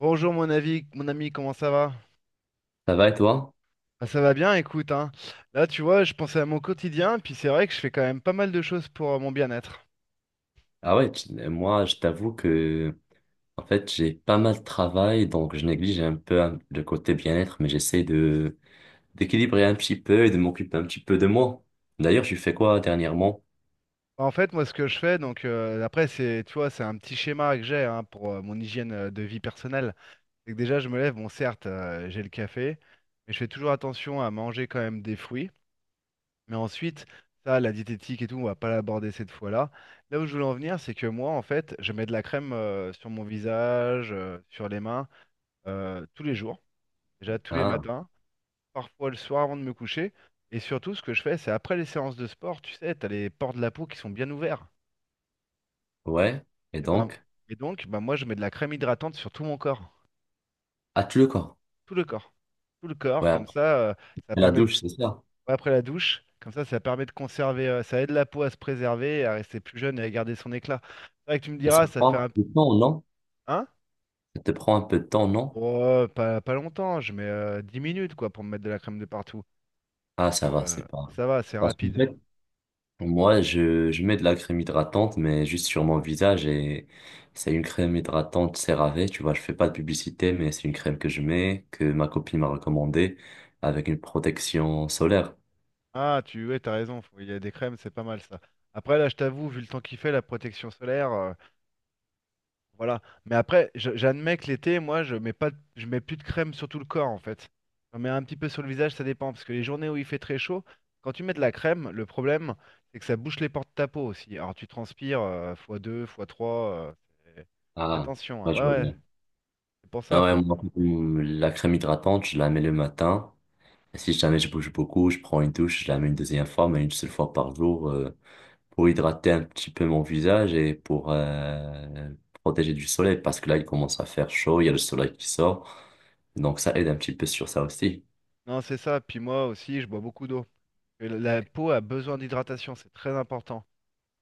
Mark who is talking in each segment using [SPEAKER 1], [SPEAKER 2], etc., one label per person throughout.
[SPEAKER 1] Bonjour mon ami, comment ça va?
[SPEAKER 2] Ça va et toi?
[SPEAKER 1] Ah, ça va bien, écoute, hein. Là, tu vois, je pensais à mon quotidien, puis c'est vrai que je fais quand même pas mal de choses pour mon bien-être.
[SPEAKER 2] Ah ouais, moi, je t'avoue que, en fait, j'ai pas mal de travail, donc je néglige un peu, hein, le côté bien-être, mais j'essaie de d'équilibrer un petit peu et de m'occuper un petit peu de moi. D'ailleurs, tu fais quoi dernièrement?
[SPEAKER 1] En fait, moi, ce que je fais, après, c'est, tu vois, c'est un petit schéma que j'ai hein, pour mon hygiène de vie personnelle. C'est que déjà, je me lève, bon, certes, j'ai le café, mais je fais toujours attention à manger quand même des fruits. Mais ensuite, ça, la diététique et tout, on va pas l'aborder cette fois-là. Là où je voulais en venir, c'est que moi, en fait, je mets de la crème sur mon visage, sur les mains, tous les jours. Déjà tous les
[SPEAKER 2] Ah
[SPEAKER 1] matins, parfois le soir avant de me coucher. Et surtout, ce que je fais, c'est après les séances de sport, tu sais, t'as les pores de la peau qui sont bien ouverts.
[SPEAKER 2] ouais, et
[SPEAKER 1] Et ben,
[SPEAKER 2] donc
[SPEAKER 1] et donc, moi, je mets de la crème hydratante sur tout mon corps,
[SPEAKER 2] ah, tu le corps.
[SPEAKER 1] tout le corps, tout le corps.
[SPEAKER 2] Ouais,
[SPEAKER 1] Comme
[SPEAKER 2] après
[SPEAKER 1] ça, euh, ça
[SPEAKER 2] la
[SPEAKER 1] permet de-
[SPEAKER 2] douche, c'est ça.
[SPEAKER 1] après la douche, comme ça permet de conserver, ça aide la peau à se préserver, à rester plus jeune et à garder son éclat. C'est vrai que tu me
[SPEAKER 2] Et ça
[SPEAKER 1] diras,
[SPEAKER 2] te
[SPEAKER 1] ça fait
[SPEAKER 2] prend
[SPEAKER 1] un,
[SPEAKER 2] du temps, non?
[SPEAKER 1] hein?
[SPEAKER 2] Ça te prend un peu de temps, non?
[SPEAKER 1] Oh, pas longtemps, je mets 10 minutes quoi pour me mettre de la crème de partout.
[SPEAKER 2] Ah
[SPEAKER 1] Donc
[SPEAKER 2] ça va,
[SPEAKER 1] euh,
[SPEAKER 2] c'est pas.
[SPEAKER 1] ça va, c'est
[SPEAKER 2] Parce que
[SPEAKER 1] rapide.
[SPEAKER 2] moi, je mets de la crème hydratante, mais juste sur mon visage, et c'est une crème hydratante CeraVe. Tu vois, je fais pas de publicité, mais c'est une crème que je mets, que ma copine m'a recommandée, avec une protection solaire.
[SPEAKER 1] Ah, tu ouais, t'as raison, il y a des crèmes, c'est pas mal ça. Après, là, je t'avoue, vu le temps qu'il fait, la protection solaire, voilà. Mais après, j'admets que l'été, moi, je mets pas, de- je mets plus de crème sur tout le corps, en fait. J'en mets un petit peu sur le visage, ça dépend, parce que les journées où il fait très chaud, quand tu mets de la crème, le problème, c'est que ça bouche les pores de ta peau aussi. Alors, tu transpires fois 2 fois 3.
[SPEAKER 2] Ah,
[SPEAKER 1] Attention, hein.
[SPEAKER 2] ouais, je vois
[SPEAKER 1] Ouais, ouais,
[SPEAKER 2] bien.
[SPEAKER 1] c'est pour ça,
[SPEAKER 2] Ah ouais,
[SPEAKER 1] faut.
[SPEAKER 2] moi, la crème hydratante, je la mets le matin. Et si jamais je bouge beaucoup, je prends une douche, je la mets une deuxième fois, mais une seule fois par jour, pour hydrater un petit peu mon visage et pour protéger du soleil, parce que là, il commence à faire chaud, il y a le soleil qui sort. Donc, ça aide un petit peu sur ça aussi.
[SPEAKER 1] Non, c'est ça. Puis moi aussi, je bois beaucoup d'eau. Et la peau a besoin d'hydratation, c'est très important.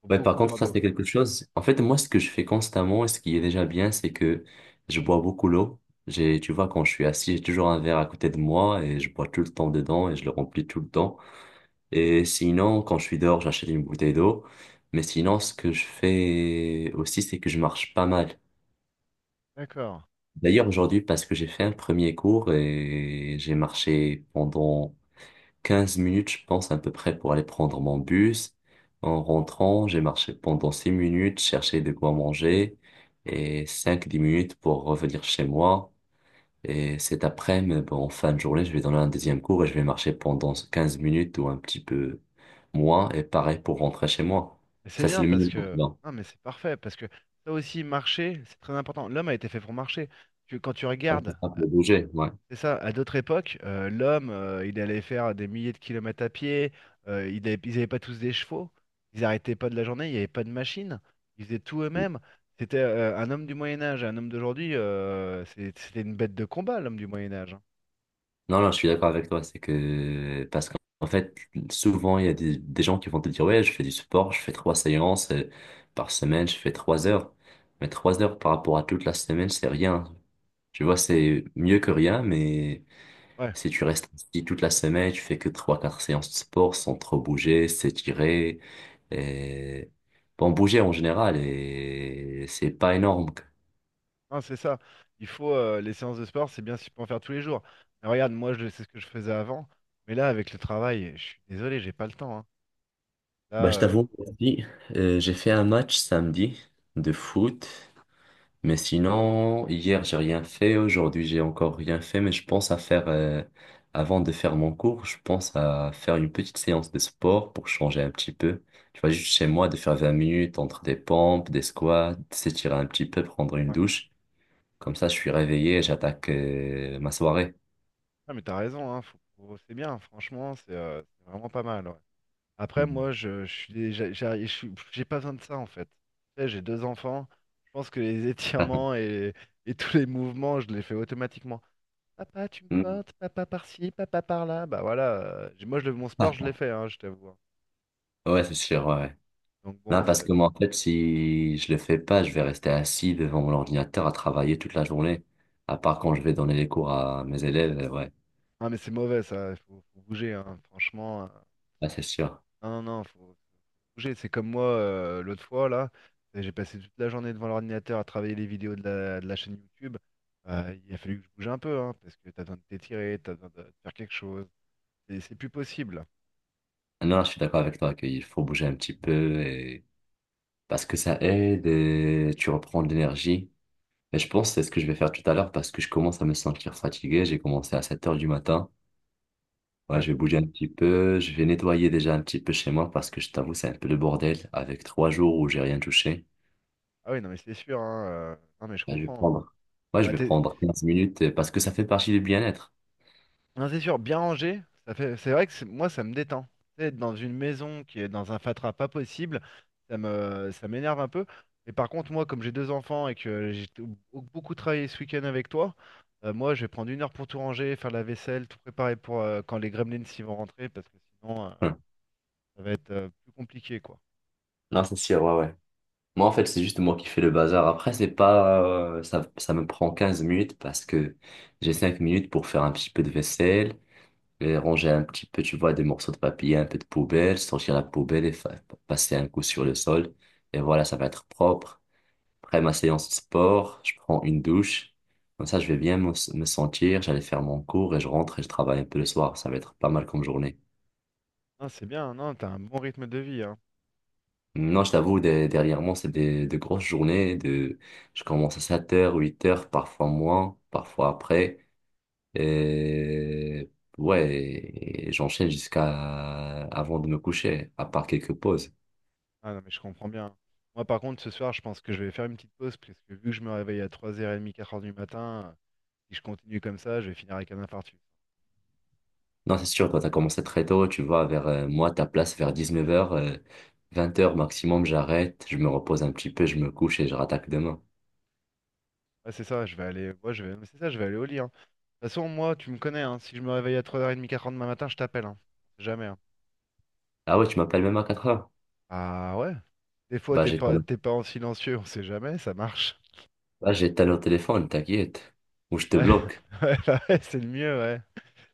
[SPEAKER 1] Faut
[SPEAKER 2] Ouais, par
[SPEAKER 1] beaucoup
[SPEAKER 2] contre,
[SPEAKER 1] boire
[SPEAKER 2] ça,
[SPEAKER 1] d'eau.
[SPEAKER 2] c'est quelque chose. En fait, moi, ce que je fais constamment et ce qui est déjà bien, c'est que je bois beaucoup l'eau. J'ai, tu vois, quand je suis assis, j'ai toujours un verre à côté de moi et je bois tout le temps dedans et je le remplis tout le temps. Et sinon, quand je suis dehors, j'achète une bouteille d'eau. Mais sinon, ce que je fais aussi, c'est que je marche pas mal.
[SPEAKER 1] D'accord.
[SPEAKER 2] D'ailleurs, aujourd'hui, parce que j'ai fait un premier cours et j'ai marché pendant 15 minutes, je pense, à peu près, pour aller prendre mon bus. En rentrant, j'ai marché pendant 6 minutes, chercher de quoi manger, et cinq dix minutes pour revenir chez moi. Et cet après-midi, bon, en fin de journée, je vais donner un deuxième cours et je vais marcher pendant 15 minutes ou un petit peu moins, et pareil pour rentrer chez moi.
[SPEAKER 1] Mais C'est
[SPEAKER 2] Ça, c'est
[SPEAKER 1] bien
[SPEAKER 2] le
[SPEAKER 1] parce
[SPEAKER 2] minimum, tu
[SPEAKER 1] que.
[SPEAKER 2] vois.
[SPEAKER 1] Non, mais c'est parfait parce que ça aussi, marcher, c'est très important. L'homme a été fait pour marcher. Quand tu
[SPEAKER 2] Ouais, c'est
[SPEAKER 1] regardes,
[SPEAKER 2] ça, pour bouger, ouais.
[SPEAKER 1] c'est ça, à d'autres époques, l'homme, il allait faire des milliers de kilomètres à pied, ils n'avaient pas tous des chevaux, ils n'arrêtaient pas de la journée, il n'y avait pas de machine, ils faisaient tout eux-mêmes. C'était un homme du Moyen-Âge, un homme d'aujourd'hui, c'était une bête de combat, l'homme du Moyen-Âge.
[SPEAKER 2] Non, non, je suis d'accord avec toi. C'est que, parce qu'en fait, souvent, il y a des gens qui vont te dire, ouais, je fais du sport, je fais 3 séances par semaine, je fais 3 heures. Mais 3 heures par rapport à toute la semaine, c'est rien. Tu vois, c'est mieux que rien, mais
[SPEAKER 1] Ouais.
[SPEAKER 2] si tu restes ici toute la semaine, tu fais que trois, quatre séances de sport sans trop bouger, s'étirer, et, bon, bouger en général, et c'est pas énorme.
[SPEAKER 1] Non, c'est ça. Il faut les séances de sport, c'est bien si tu peux en faire tous les jours. Mais regarde, moi, je sais ce que je faisais avant. Mais là, avec le travail, je suis désolé, j'ai pas le temps, hein. Là,
[SPEAKER 2] Bah, je t'avoue, aujourd'hui, j'ai fait un match samedi de foot. Mais sinon, hier, j'ai rien fait. Aujourd'hui, j'ai encore rien fait. Mais je pense à faire, avant de faire mon cours, je pense à faire une petite séance de sport pour changer un petit peu. Tu vois, juste chez moi, de faire 20 minutes entre des pompes, des squats, s'étirer un petit peu, prendre une
[SPEAKER 1] ouais.
[SPEAKER 2] douche. Comme ça, je suis réveillé et j'attaque, ma soirée.
[SPEAKER 1] Ah, mais t'as raison, hein, c'est bien, franchement, c'est vraiment pas mal, ouais. Après, moi, je suis déjà, j'ai pas besoin de ça en fait. Tu sais, j'ai deux enfants. Je pense que les étirements et tous les mouvements, je les fais automatiquement. Papa, tu me
[SPEAKER 2] Mm.
[SPEAKER 1] portes, papa par-ci, papa par-là. Bah voilà, mon sport, je l'ai fait, hein, je t'avoue, hein.
[SPEAKER 2] Ouais, c'est sûr, ouais, ouais.
[SPEAKER 1] Donc
[SPEAKER 2] Non,
[SPEAKER 1] bon,
[SPEAKER 2] parce
[SPEAKER 1] c'est.
[SPEAKER 2] que moi, en fait, si je le fais pas, je vais rester assis devant mon ordinateur à travailler toute la journée. À part quand je vais donner les cours à mes élèves, ouais.
[SPEAKER 1] Ah mais c'est mauvais ça, faut bouger hein, franchement.
[SPEAKER 2] Ah, c'est sûr.
[SPEAKER 1] Non, non, non, faut bouger. C'est comme moi l'autre fois là, j'ai passé toute la journée devant l'ordinateur à travailler les vidéos de de la chaîne YouTube. Il a fallu que je bouge un peu hein, parce que t'as besoin de t'étirer, t'as besoin de faire quelque chose. C'est plus possible.
[SPEAKER 2] Non, je suis d'accord avec toi qu'il faut bouger un petit peu, et... parce que ça aide et tu reprends de l'énergie. Et je pense que c'est ce que je vais faire tout à l'heure, parce que je commence à me sentir fatigué. J'ai commencé à 7 heures du matin. Ouais,
[SPEAKER 1] Ouais.
[SPEAKER 2] je vais bouger un petit peu. Je vais nettoyer déjà un petit peu chez moi, parce que je t'avoue, c'est un peu le bordel avec 3 jours où j'ai rien touché.
[SPEAKER 1] Ah oui, non mais c'est sûr, hein, non mais je
[SPEAKER 2] Ouais, je vais
[SPEAKER 1] comprends.
[SPEAKER 2] prendre. Ouais, je
[SPEAKER 1] Bah,
[SPEAKER 2] vais
[SPEAKER 1] t'es-
[SPEAKER 2] prendre 15 minutes parce que ça fait partie du bien-être.
[SPEAKER 1] Non, c'est sûr, bien rangé, ça fait... c'est vrai que moi, ça me détend. Tu sais, être dans une maison qui est dans un fatras pas possible, ça me... ça m'énerve un peu. Mais par contre, moi, comme j'ai deux enfants et que beaucoup travaillé ce week-end avec toi, moi, je vais prendre 1 heure pour tout ranger, faire la vaisselle, tout préparer pour quand les gremlins s'y vont rentrer, parce que sinon,
[SPEAKER 2] Hum.
[SPEAKER 1] ça va être plus compliqué, quoi.
[SPEAKER 2] Non, c'est sûr, ouais, ouais. Moi, en fait, c'est juste moi qui fais le bazar. Après, c'est pas, ça, ça me prend 15 minutes, parce que j'ai 5 minutes pour faire un petit peu de vaisselle, et ranger un petit peu, tu vois, des morceaux de papier, un peu de poubelle, sortir la poubelle et passer un coup sur le sol. Et voilà, ça va être propre. Après ma séance de sport, je prends une douche. Comme ça, je vais bien me sentir, j'allais faire mon cours, et je rentre et je travaille un peu le soir. Ça va être pas mal comme journée.
[SPEAKER 1] Non, c'est bien, non, t'as un bon rythme de vie, hein.
[SPEAKER 2] Non, je t'avoue, dernièrement, c'est des, de grosses journées. Je commence à 7 heures 8 heures, parfois moins, parfois après. Et ouais, et j'enchaîne jusqu'à avant de me coucher, à part quelques pauses.
[SPEAKER 1] Ah non, mais je comprends bien. Moi, par contre, ce soir, je pense que je vais faire une petite pause, parce que vu que je me réveille à 3h30, 4 heures du matin... Si je continue comme ça, je vais finir avec un infarctus.
[SPEAKER 2] Non, c'est sûr, toi, t'as commencé très tôt, tu vois, vers moi, ta place, vers 19 heures 20 heures maximum, j'arrête, je me repose un petit peu, je me couche et je rattaque demain.
[SPEAKER 1] Ouais, c'est ça, je vais aller. Moi, je vais... mais C'est ça, je vais aller au lit, hein. De toute façon, moi, tu me connais, hein, si je me réveille à 3h30, 4 heures demain matin, je t'appelle. Hein. On sait jamais, hein.
[SPEAKER 2] Ah ouais, tu m'appelles même à 4 heures.
[SPEAKER 1] Ah ouais. Des fois,
[SPEAKER 2] Bah, j'éteins le
[SPEAKER 1] t'es pas en silencieux, on sait jamais, ça marche.
[SPEAKER 2] Bah, j'éteins le téléphone, t'inquiète. Ou je te
[SPEAKER 1] Ouais,
[SPEAKER 2] bloque.
[SPEAKER 1] ouais, bah ouais, c'est le mieux, ouais.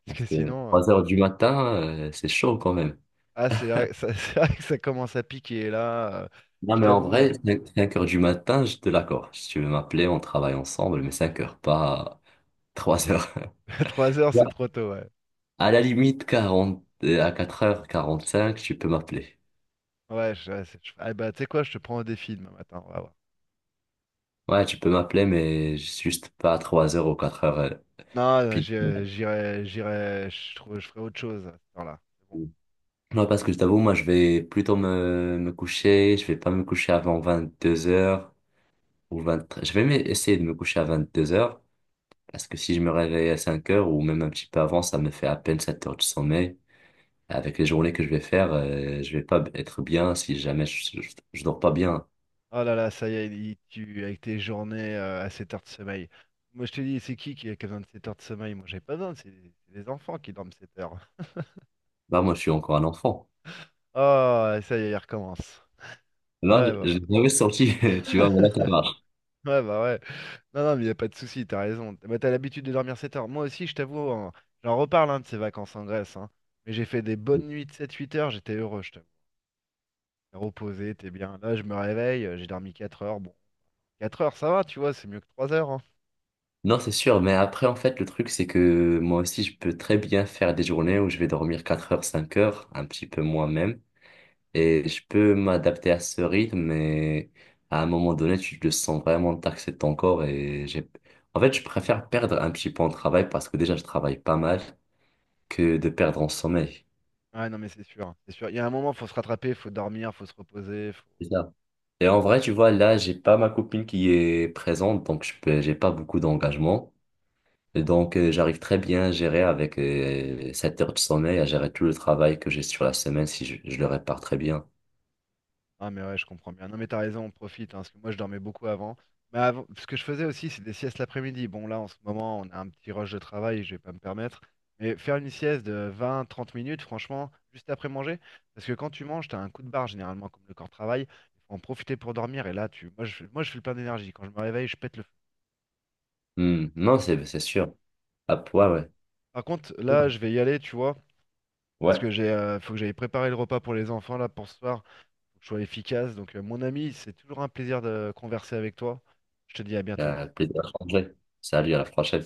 [SPEAKER 1] Parce
[SPEAKER 2] Parce
[SPEAKER 1] que
[SPEAKER 2] que
[SPEAKER 1] sinon.
[SPEAKER 2] 3 heures du matin, c'est chaud quand même.
[SPEAKER 1] Ah, c'est vrai, c'est vrai que ça commence à piquer là.
[SPEAKER 2] Non,
[SPEAKER 1] Je
[SPEAKER 2] mais en
[SPEAKER 1] t'avoue,
[SPEAKER 2] vrai, 5 heures du matin, je te l'accorde. Si tu veux m'appeler, on travaille ensemble, mais 5 heures, pas 3 heures.
[SPEAKER 1] trois heures
[SPEAKER 2] Ouais.
[SPEAKER 1] c'est trop tôt, ouais.
[SPEAKER 2] À la limite, 40 à 4h45, tu peux m'appeler.
[SPEAKER 1] Ouais, je... ouais, c'est- je- Ah, bah, tu sais quoi, je te prends au défi demain matin, on va voir.
[SPEAKER 2] Ouais, tu peux m'appeler, mais juste pas à 3 heures ou 4 heures,
[SPEAKER 1] Non,
[SPEAKER 2] pile.
[SPEAKER 1] je- J'irai, je trouve, je ferai autre chose à cette heure-là. C'est bon.
[SPEAKER 2] Non, parce que je t'avoue, moi, je vais plutôt me coucher. Je vais pas me coucher avant 22 heures ou 23. Essayer de me coucher à 22 heures. Parce que si je me réveille à 5 heures ou même un petit peu avant, ça me fait à peine 7 heures de sommeil. Avec les journées que je vais faire, je vais pas être bien si jamais je dors pas bien.
[SPEAKER 1] Oh là là, ça y est, avec tes journées à 7 heures de sommeil. Moi, je te dis, c'est qui a besoin de 7 heures de sommeil? Moi, j'ai pas besoin, c'est les enfants qui dorment 7 heures.
[SPEAKER 2] Bah, moi, je suis encore un enfant.
[SPEAKER 1] Oh, ça y est, il recommence.
[SPEAKER 2] Là,
[SPEAKER 1] Ouais, bah,
[SPEAKER 2] j'ai jamais sorti, tu vois, mais là, ça marche.
[SPEAKER 1] ouais, bah ouais. Non, non, mais il n'y a pas de souci, t'as raison. Bah, t'as l'habitude de dormir 7 heures. Moi aussi, je t'avoue, hein, j'en reparle hein, de ces vacances en Grèce, hein. Mais j'ai fait des bonnes nuits de 7-8 heures, j'étais heureux, je t'avoue. T'es reposé, t'es bien. Là, je me réveille, j'ai dormi 4 heures. Bon. 4 heures, ça va, tu vois, c'est mieux que 3 heures, hein.
[SPEAKER 2] Non, c'est sûr, mais après, en fait, le truc, c'est que moi aussi, je peux très bien faire des journées où je vais dormir 4 heures, 5 heures, un petit peu moins même. Et je peux m'adapter à ce rythme, mais à un moment donné, tu te sens vraiment taxer ton corps. En fait, je préfère perdre un petit peu en travail, parce que déjà, je travaille pas mal, que de perdre en sommeil.
[SPEAKER 1] Ouais, non, mais c'est sûr, hein, c'est sûr. Il y a un moment, faut se rattraper, faut dormir, faut se reposer. Faut...
[SPEAKER 2] C'est ça. Et en vrai, tu vois, là, j'ai pas ma copine qui est présente, donc je peux, j'ai pas beaucoup d'engagement. Et donc, j'arrive très bien à gérer avec 7 heures de sommeil, à gérer tout le travail que j'ai sur la semaine, si je le répare très bien.
[SPEAKER 1] Ah, mais ouais, je comprends bien. Non, mais t'as raison, on profite, hein, parce que moi, je dormais beaucoup avant. Mais avant, ce que je faisais aussi, c'est des siestes l'après-midi. Bon, là, en ce moment, on a un petit rush de travail, je vais pas me permettre. Mais faire une sieste de 20, 30 minutes, franchement, juste après manger, parce que quand tu manges, t'as un coup de barre, généralement, comme le corps travaille. Il faut en profiter pour dormir, et là, tu... moi, je suis le plein d'énergie. Quand je me réveille, je pète le feu.
[SPEAKER 2] Hmm. Non, c'est sûr. Ah,
[SPEAKER 1] Ouais.
[SPEAKER 2] ouais, ouais.
[SPEAKER 1] Par contre, là, je vais y aller, tu vois. Parce
[SPEAKER 2] Ouais,
[SPEAKER 1] que faut que j'aille préparer le repas pour les enfants là pour ce soir. Faut que je sois efficace. Donc, mon ami, c'est toujours un plaisir de converser avec toi. Je te dis à bientôt.
[SPEAKER 2] Plaisir à changer. Salut, à la prochaine.